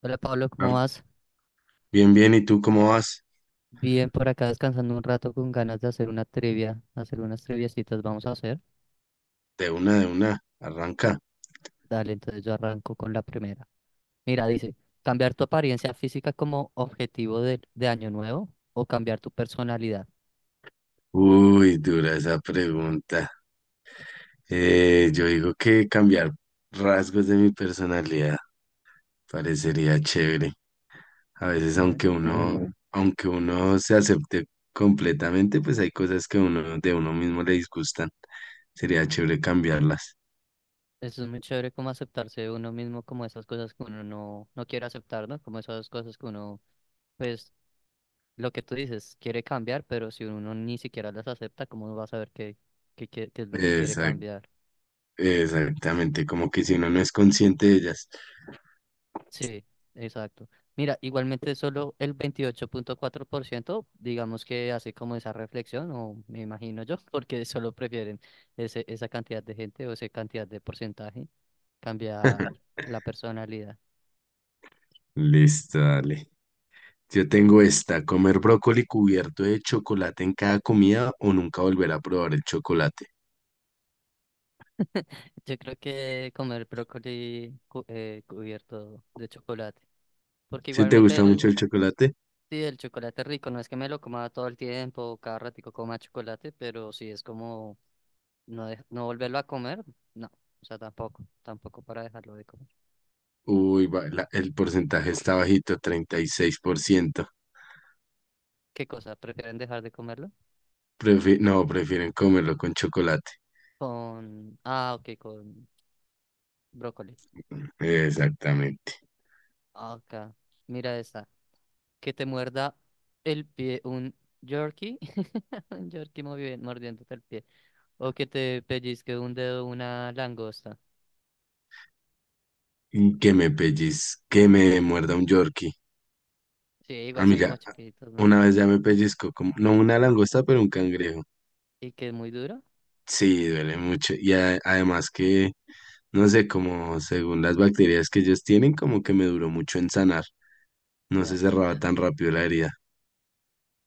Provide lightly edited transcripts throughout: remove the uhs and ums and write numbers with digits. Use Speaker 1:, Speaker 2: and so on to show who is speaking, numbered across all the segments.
Speaker 1: Hola Pablo, ¿cómo
Speaker 2: Ar-
Speaker 1: vas?
Speaker 2: Bien, bien, ¿y tú cómo vas?
Speaker 1: Bien, por acá descansando un rato con ganas de hacer una trivia, hacer unas triviacitas vamos a hacer.
Speaker 2: De una, arranca.
Speaker 1: Dale, entonces yo arranco con la primera. Mira, dice, ¿cambiar tu apariencia física como objetivo de año nuevo o cambiar tu personalidad?
Speaker 2: Uy, dura esa pregunta. Yo digo que cambiar rasgos de mi personalidad parecería chévere. A veces,
Speaker 1: Okay.
Speaker 2: aunque uno, Mm. aunque uno se acepte completamente, pues hay cosas que uno de uno mismo le disgustan. Sería chévere cambiarlas.
Speaker 1: Eso es muy chévere como aceptarse uno mismo, como esas cosas que uno no quiere aceptar, ¿no? Como esas cosas que uno, pues, lo que tú dices, quiere cambiar, pero si uno ni siquiera las acepta, ¿cómo uno va a saber qué es lo que quiere
Speaker 2: Exac-
Speaker 1: cambiar?
Speaker 2: exactamente, como que si uno no es consciente de ellas.
Speaker 1: Sí, exacto. Mira, igualmente solo el 28.4%, digamos que hace como esa reflexión, o me imagino yo, porque solo prefieren esa cantidad de gente o esa cantidad de porcentaje cambiar la personalidad.
Speaker 2: Listo, dale. Yo tengo esta, comer brócoli cubierto de chocolate en cada comida o nunca volver a probar el chocolate.
Speaker 1: Yo creo que comer brócoli cubierto de chocolate, porque
Speaker 2: Si te
Speaker 1: igualmente
Speaker 2: gusta
Speaker 1: el,
Speaker 2: mucho el chocolate.
Speaker 1: sí, el chocolate es rico, no es que me lo coma todo el tiempo, cada ratico coma chocolate, pero sí es como no, no volverlo a comer, no. O sea, tampoco para dejarlo de comer.
Speaker 2: Uy, el porcentaje está bajito, 36%.
Speaker 1: ¿Qué cosa? ¿Prefieren dejar de comerlo?
Speaker 2: No, prefieren comerlo con chocolate.
Speaker 1: Con... ah, ok, con brócoli.
Speaker 2: Exactamente.
Speaker 1: Acá, mira esta. Que te muerda el pie un jerky. Un Yorkie mordiéndote el pie. O que te pellizque un dedo una langosta.
Speaker 2: Y que me muerda un Yorkie.
Speaker 1: Sí, igual son como
Speaker 2: Amiga,
Speaker 1: chiquitos,
Speaker 2: una
Speaker 1: ¿no?
Speaker 2: vez ya me pellizco, como, no una langosta, pero un cangrejo.
Speaker 1: Y que es muy duro.
Speaker 2: Sí, duele mucho. Y además que, no sé, como según las bacterias que ellos tienen, como que me duró mucho en sanar. No se
Speaker 1: Ya.
Speaker 2: cerraba tan rápido la herida.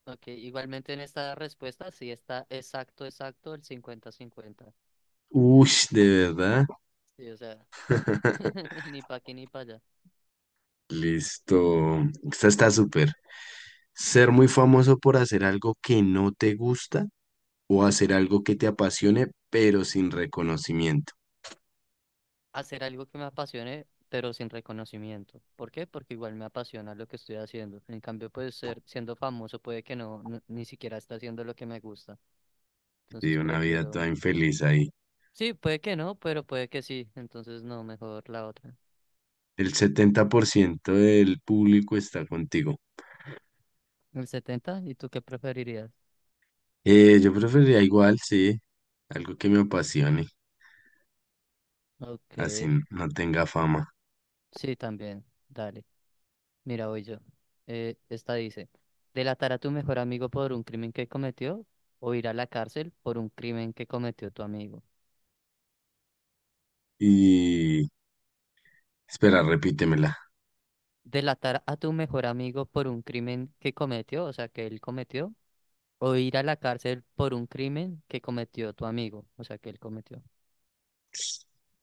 Speaker 1: Ok, igualmente en esta respuesta sí está exacto, exacto el 50-50.
Speaker 2: Uy, de verdad.
Speaker 1: Sí, o sea. Ni para aquí ni para allá.
Speaker 2: Listo. Esta está súper. Ser muy famoso por hacer algo que no te gusta o hacer algo que te apasione, pero sin reconocimiento.
Speaker 1: Hacer algo que me apasione, pero sin reconocimiento. ¿Por qué? Porque igual me apasiona lo que estoy haciendo. En cambio, pues siendo famoso puede que no, ni siquiera está haciendo lo que me gusta.
Speaker 2: Y
Speaker 1: Entonces
Speaker 2: una vida toda
Speaker 1: prefiero...
Speaker 2: infeliz ahí.
Speaker 1: Sí, puede que no, pero puede que sí. Entonces no, mejor la otra.
Speaker 2: El 70% del público está contigo.
Speaker 1: El 70. ¿Y tú qué preferirías?
Speaker 2: Yo preferiría igual, sí, algo que me apasione,
Speaker 1: Ok,
Speaker 2: así no tenga fama.
Speaker 1: sí, también. Dale. Mira, voy yo. Esta dice, ¿delatar a tu mejor amigo por un crimen que cometió o ir a la cárcel por un crimen que cometió tu amigo?
Speaker 2: Y espera, repítemela.
Speaker 1: Delatar a tu mejor amigo por un crimen que cometió, o sea, que él cometió, o ir a la cárcel por un crimen que cometió tu amigo, o sea, que él cometió.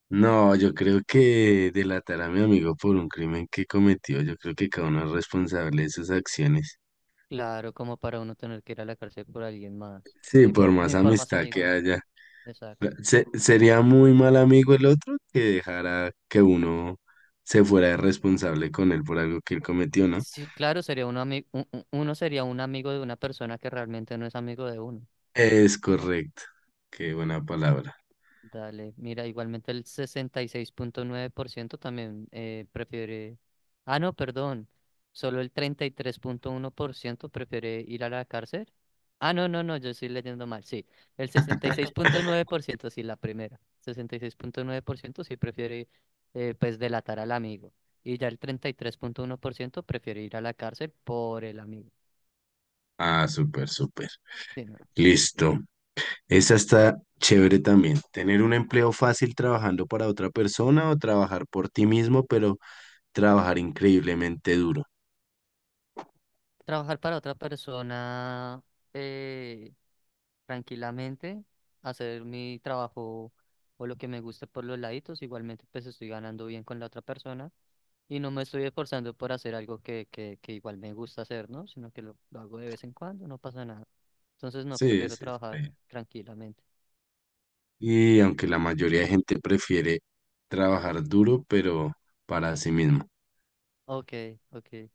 Speaker 2: No, yo creo que delatar a mi amigo por un crimen que cometió. Yo creo que cada uno es responsable de sus acciones.
Speaker 1: Claro, como para uno tener que ir a la cárcel por alguien más,
Speaker 2: Sí,
Speaker 1: ni
Speaker 2: por
Speaker 1: por,
Speaker 2: más
Speaker 1: ni por más
Speaker 2: amistad que
Speaker 1: amigo.
Speaker 2: haya. eh,
Speaker 1: Exacto.
Speaker 2: se- sería muy mal amigo el otro que dejara que uno se fuera irresponsable con él por algo que él cometió, ¿no?
Speaker 1: Sí, claro, sería un ami- u- u- uno sería un amigo de una persona que realmente no es amigo de uno.
Speaker 2: Es correcto. Qué buena palabra.
Speaker 1: Dale, mira, igualmente el 66.9% también prefiere... Ah, no, perdón. Solo el 33.1% prefiere ir a la cárcel. Ah, no, no, no, yo estoy leyendo mal. Sí, el 66.9% sí, la primera. 66.9% sí prefiere, pues, delatar al amigo. Y ya el 33.1% prefiere ir a la cárcel por el amigo.
Speaker 2: Ah, súper, súper.
Speaker 1: Sí, no.
Speaker 2: Listo. Esa está chévere también. Tener un empleo fácil trabajando para otra persona o trabajar por ti mismo, pero trabajar increíblemente duro.
Speaker 1: Trabajar para otra persona. eh, tranquilamente, hacer mi trabajo o lo que me guste por los laditos. Igualmente, pues estoy ganando bien con la otra persona y no me estoy esforzando por hacer algo que igual me gusta hacer, ¿no? Sino que lo hago de vez en cuando, no pasa nada. Entonces, no,
Speaker 2: Sí,
Speaker 1: prefiero
Speaker 2: sí, sí. Está
Speaker 1: trabajar
Speaker 2: bien.
Speaker 1: tranquilamente.
Speaker 2: Y aunque la mayoría de gente prefiere trabajar duro, pero para sí mismo.
Speaker 1: Ok, ok.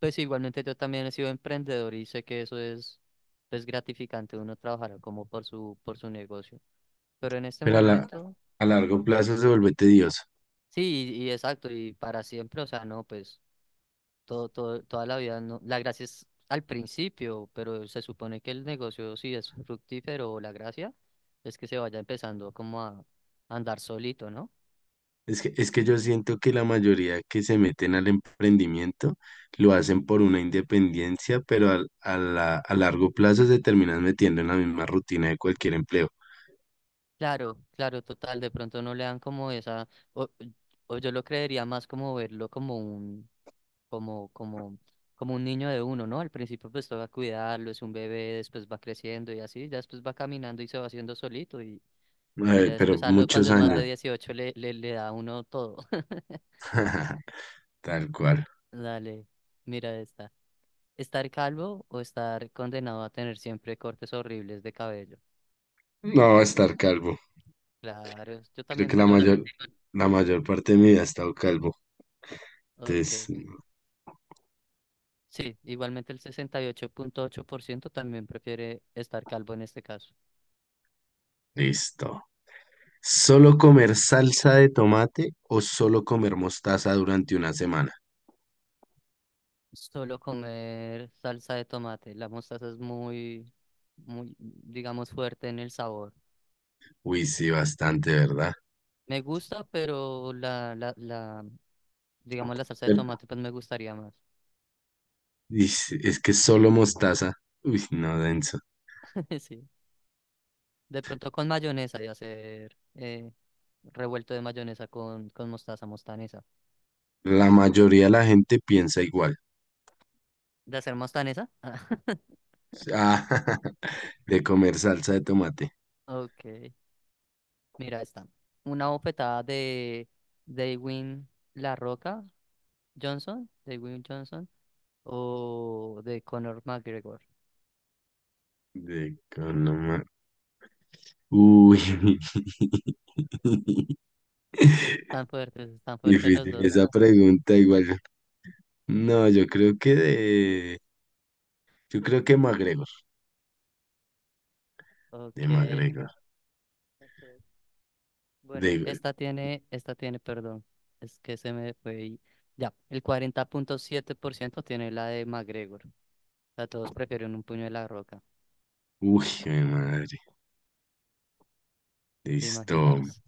Speaker 1: Pues igualmente yo también he sido emprendedor y sé que eso es pues gratificante uno trabajar como por su negocio. Pero en este
Speaker 2: Pero
Speaker 1: momento,
Speaker 2: a
Speaker 1: dime.
Speaker 2: largo plazo se vuelve tedioso.
Speaker 1: Sí, y exacto, y para siempre, o sea, no, pues toda la vida, no, la gracia es al principio, pero se supone que el negocio si es fructífero, la gracia es que se vaya empezando como a andar solito, ¿no?
Speaker 2: Es que yo siento que la mayoría que se meten al emprendimiento lo hacen por una independencia, pero a largo plazo se terminan metiendo en la misma rutina de cualquier empleo.
Speaker 1: Claro, claro, total, de pronto no le dan como esa, o, o yo lo creería más como verlo como un, como, como, como un niño de uno, ¿no? Al principio pues toca cuidarlo, es un bebé, después va creciendo y así, ya después va caminando y se va haciendo solito y ya
Speaker 2: Pero
Speaker 1: después cuando
Speaker 2: muchos
Speaker 1: es más de
Speaker 2: años.
Speaker 1: 18 le da a uno todo.
Speaker 2: Tal cual.
Speaker 1: Dale, mira esta. ¿Estar calvo o estar condenado a tener siempre cortes horribles de cabello?
Speaker 2: No, estar calvo.
Speaker 1: Claro, yo
Speaker 2: Creo
Speaker 1: también
Speaker 2: que la
Speaker 1: digo lo
Speaker 2: mayor,
Speaker 1: mismo.
Speaker 2: la mayor parte de mi vida he estado calvo. Entonces,
Speaker 1: Ok. Sí, igualmente el sesenta y ocho punto ocho por ciento también prefiere estar calvo en este caso.
Speaker 2: listo. ¿Solo comer salsa de tomate o solo comer mostaza durante una semana?
Speaker 1: Solo comer salsa de tomate. La mostaza es muy, muy, digamos, fuerte en el sabor.
Speaker 2: Uy, sí, bastante, ¿verdad?
Speaker 1: Me gusta, pero digamos, la salsa de
Speaker 2: Pero-
Speaker 1: tomate, pues me gustaría más.
Speaker 2: y sí, es que solo mostaza. Uy, no, denso.
Speaker 1: Sí. De pronto con mayonesa y hacer revuelto de mayonesa con mostaza, mostanesa.
Speaker 2: La mayoría de la gente piensa igual.
Speaker 1: ¿De hacer mostanesa? Ah.
Speaker 2: Ah, de comer salsa de tomate.
Speaker 1: Ok, mira esta. Una bofetada de Dwayne La Roca Johnson, Dwayne Johnson, o de Conor McGregor.
Speaker 2: De con- no ma- Uy.
Speaker 1: Están fuertes los
Speaker 2: Difícil
Speaker 1: dos.
Speaker 2: esa pregunta, igual. No, yo creo que de. Yo creo que McGregor. De
Speaker 1: Ok.
Speaker 2: McGregor.
Speaker 1: Ok. Bueno,
Speaker 2: De.
Speaker 1: esta tiene, perdón, es que se me fue ahí. Ya, el 40.7% tiene la de McGregor. O sea, todos prefieren un puño de La Roca.
Speaker 2: Uy, mi madre.
Speaker 1: ¿Te
Speaker 2: Listo.
Speaker 1: imaginas?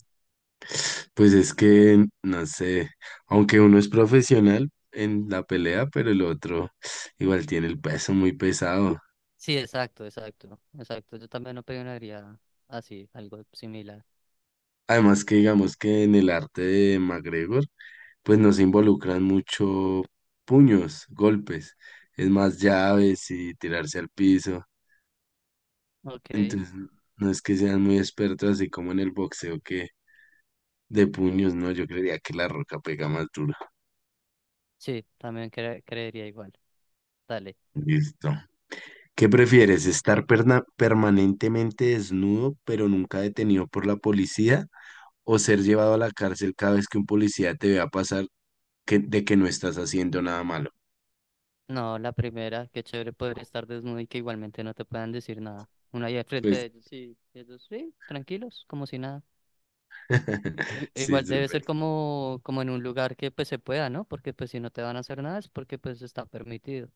Speaker 2: Pues es que, no sé. Aunque uno es profesional en la pelea, pero el otro igual tiene el peso muy pesado.
Speaker 1: Sí, exacto, exacto, exacto. Yo también opinaría así, algo similar.
Speaker 2: Además que digamos que en el arte de McGregor, pues no se involucran mucho puños, golpes. Es más llaves y tirarse al piso.
Speaker 1: Ok,
Speaker 2: Entonces, no es que sean muy expertos así como en el boxeo que de puños. No, yo creería que La Roca pega más duro.
Speaker 1: sí, también creería igual. Dale.
Speaker 2: Listo. ¿Qué prefieres? ¿Estar permanentemente desnudo pero nunca detenido por la policía o ser llevado a la cárcel cada vez que un policía te vea pasar que, de que no estás haciendo nada malo?
Speaker 1: No, la primera, qué chévere poder estar desnudo y que igualmente no te puedan decir nada. Uno ahí al frente de
Speaker 2: Pues,
Speaker 1: ellos y ellos, sí, tranquilos, como si nada.
Speaker 2: sí,
Speaker 1: Igual debe
Speaker 2: súper.
Speaker 1: ser como, como en un lugar que pues se pueda, ¿no? Porque pues si no te van a hacer nada es porque pues está permitido.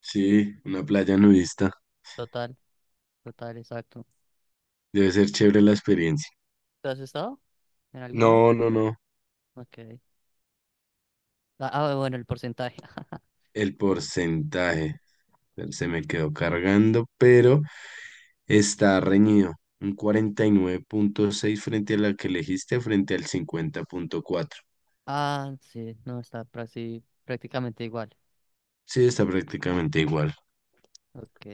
Speaker 2: Sí, una playa nudista.
Speaker 1: Total, total, exacto.
Speaker 2: Debe ser chévere la experiencia.
Speaker 1: ¿Te has estado en alguna?
Speaker 2: No, no, no.
Speaker 1: Ok. Ah, ah, bueno, el porcentaje.
Speaker 2: El porcentaje. Se me quedó cargando, pero está reñido, un 49.6 frente a la que elegiste, frente al 50.4.
Speaker 1: Ah, sí, no, está prácticamente igual.
Speaker 2: Sí, está prácticamente igual.
Speaker 1: Ok,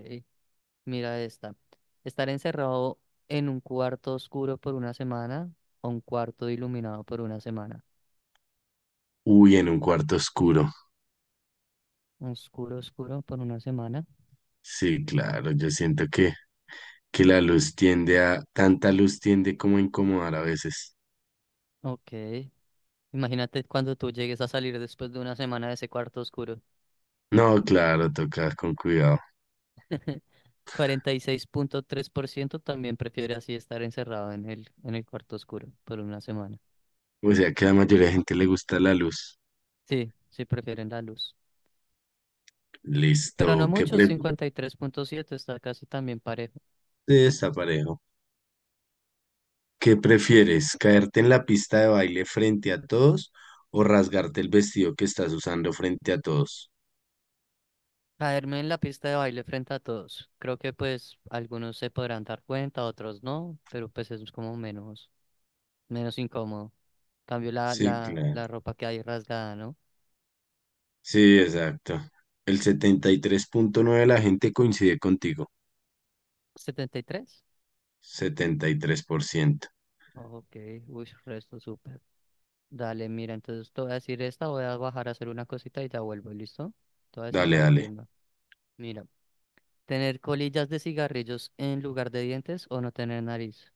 Speaker 1: mira esta. Estar encerrado en un cuarto oscuro por una semana o un cuarto iluminado por una semana.
Speaker 2: Uy, en un cuarto oscuro.
Speaker 1: Oscuro, oscuro por una semana.
Speaker 2: Sí, claro, yo siento que la luz tanta luz tiende como a incomodar a veces.
Speaker 1: Ok, imagínate cuando tú llegues a salir después de una semana de ese cuarto oscuro.
Speaker 2: No, claro, toca con cuidado.
Speaker 1: 46.3% también prefiere así estar encerrado en el cuarto oscuro por una semana.
Speaker 2: O sea que a la mayoría de gente le gusta la luz.
Speaker 1: Sí, sí prefieren la luz. Pero no
Speaker 2: Listo, ¿qué
Speaker 1: muchos,
Speaker 2: pre-
Speaker 1: 53.7 está casi también parejo.
Speaker 2: Sí, está parejo. ¿Qué prefieres? ¿Caerte en la pista de baile frente a todos o rasgarte el vestido que estás usando frente a todos?
Speaker 1: Caerme en la pista de baile frente a todos. Creo que pues algunos se podrán dar cuenta, otros no, pero pues es como menos incómodo. Cambio la,
Speaker 2: Sí,
Speaker 1: la,
Speaker 2: claro.
Speaker 1: la ropa que hay rasgada, ¿no?
Speaker 2: Sí, exacto. El 73.9 de la gente coincide contigo.
Speaker 1: 73.
Speaker 2: 73%.
Speaker 1: Ok, uy, resto súper. Dale, mira, entonces te voy a decir esta, voy a bajar a hacer una cosita y ya vuelvo, ¿listo? Te voy a decir
Speaker 2: Dale,
Speaker 1: la
Speaker 2: dale.
Speaker 1: última. Mira, tener colillas de cigarrillos en lugar de dientes o no tener nariz.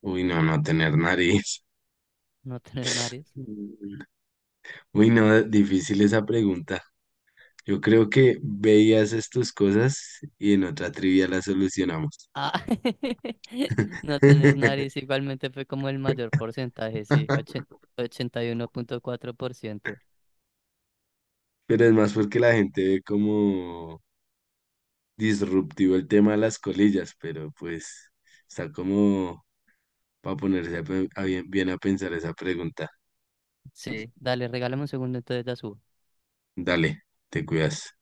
Speaker 2: Uy, no, no tener nariz.
Speaker 1: No tener nariz.
Speaker 2: Mm. Uy, no, difícil esa pregunta. Yo creo que veías estas cosas y en otra trivia las solucionamos.
Speaker 1: Ah, no tener nariz igualmente fue como el mayor porcentaje, sí, 81.4%.
Speaker 2: Pero es más porque la gente ve como disruptivo el tema de las colillas, pero pues está como para ponerse a a bien, bien a pensar esa pregunta.
Speaker 1: Sí, dale, regálame un segundo, entonces la subo.
Speaker 2: Dale, te cuidas.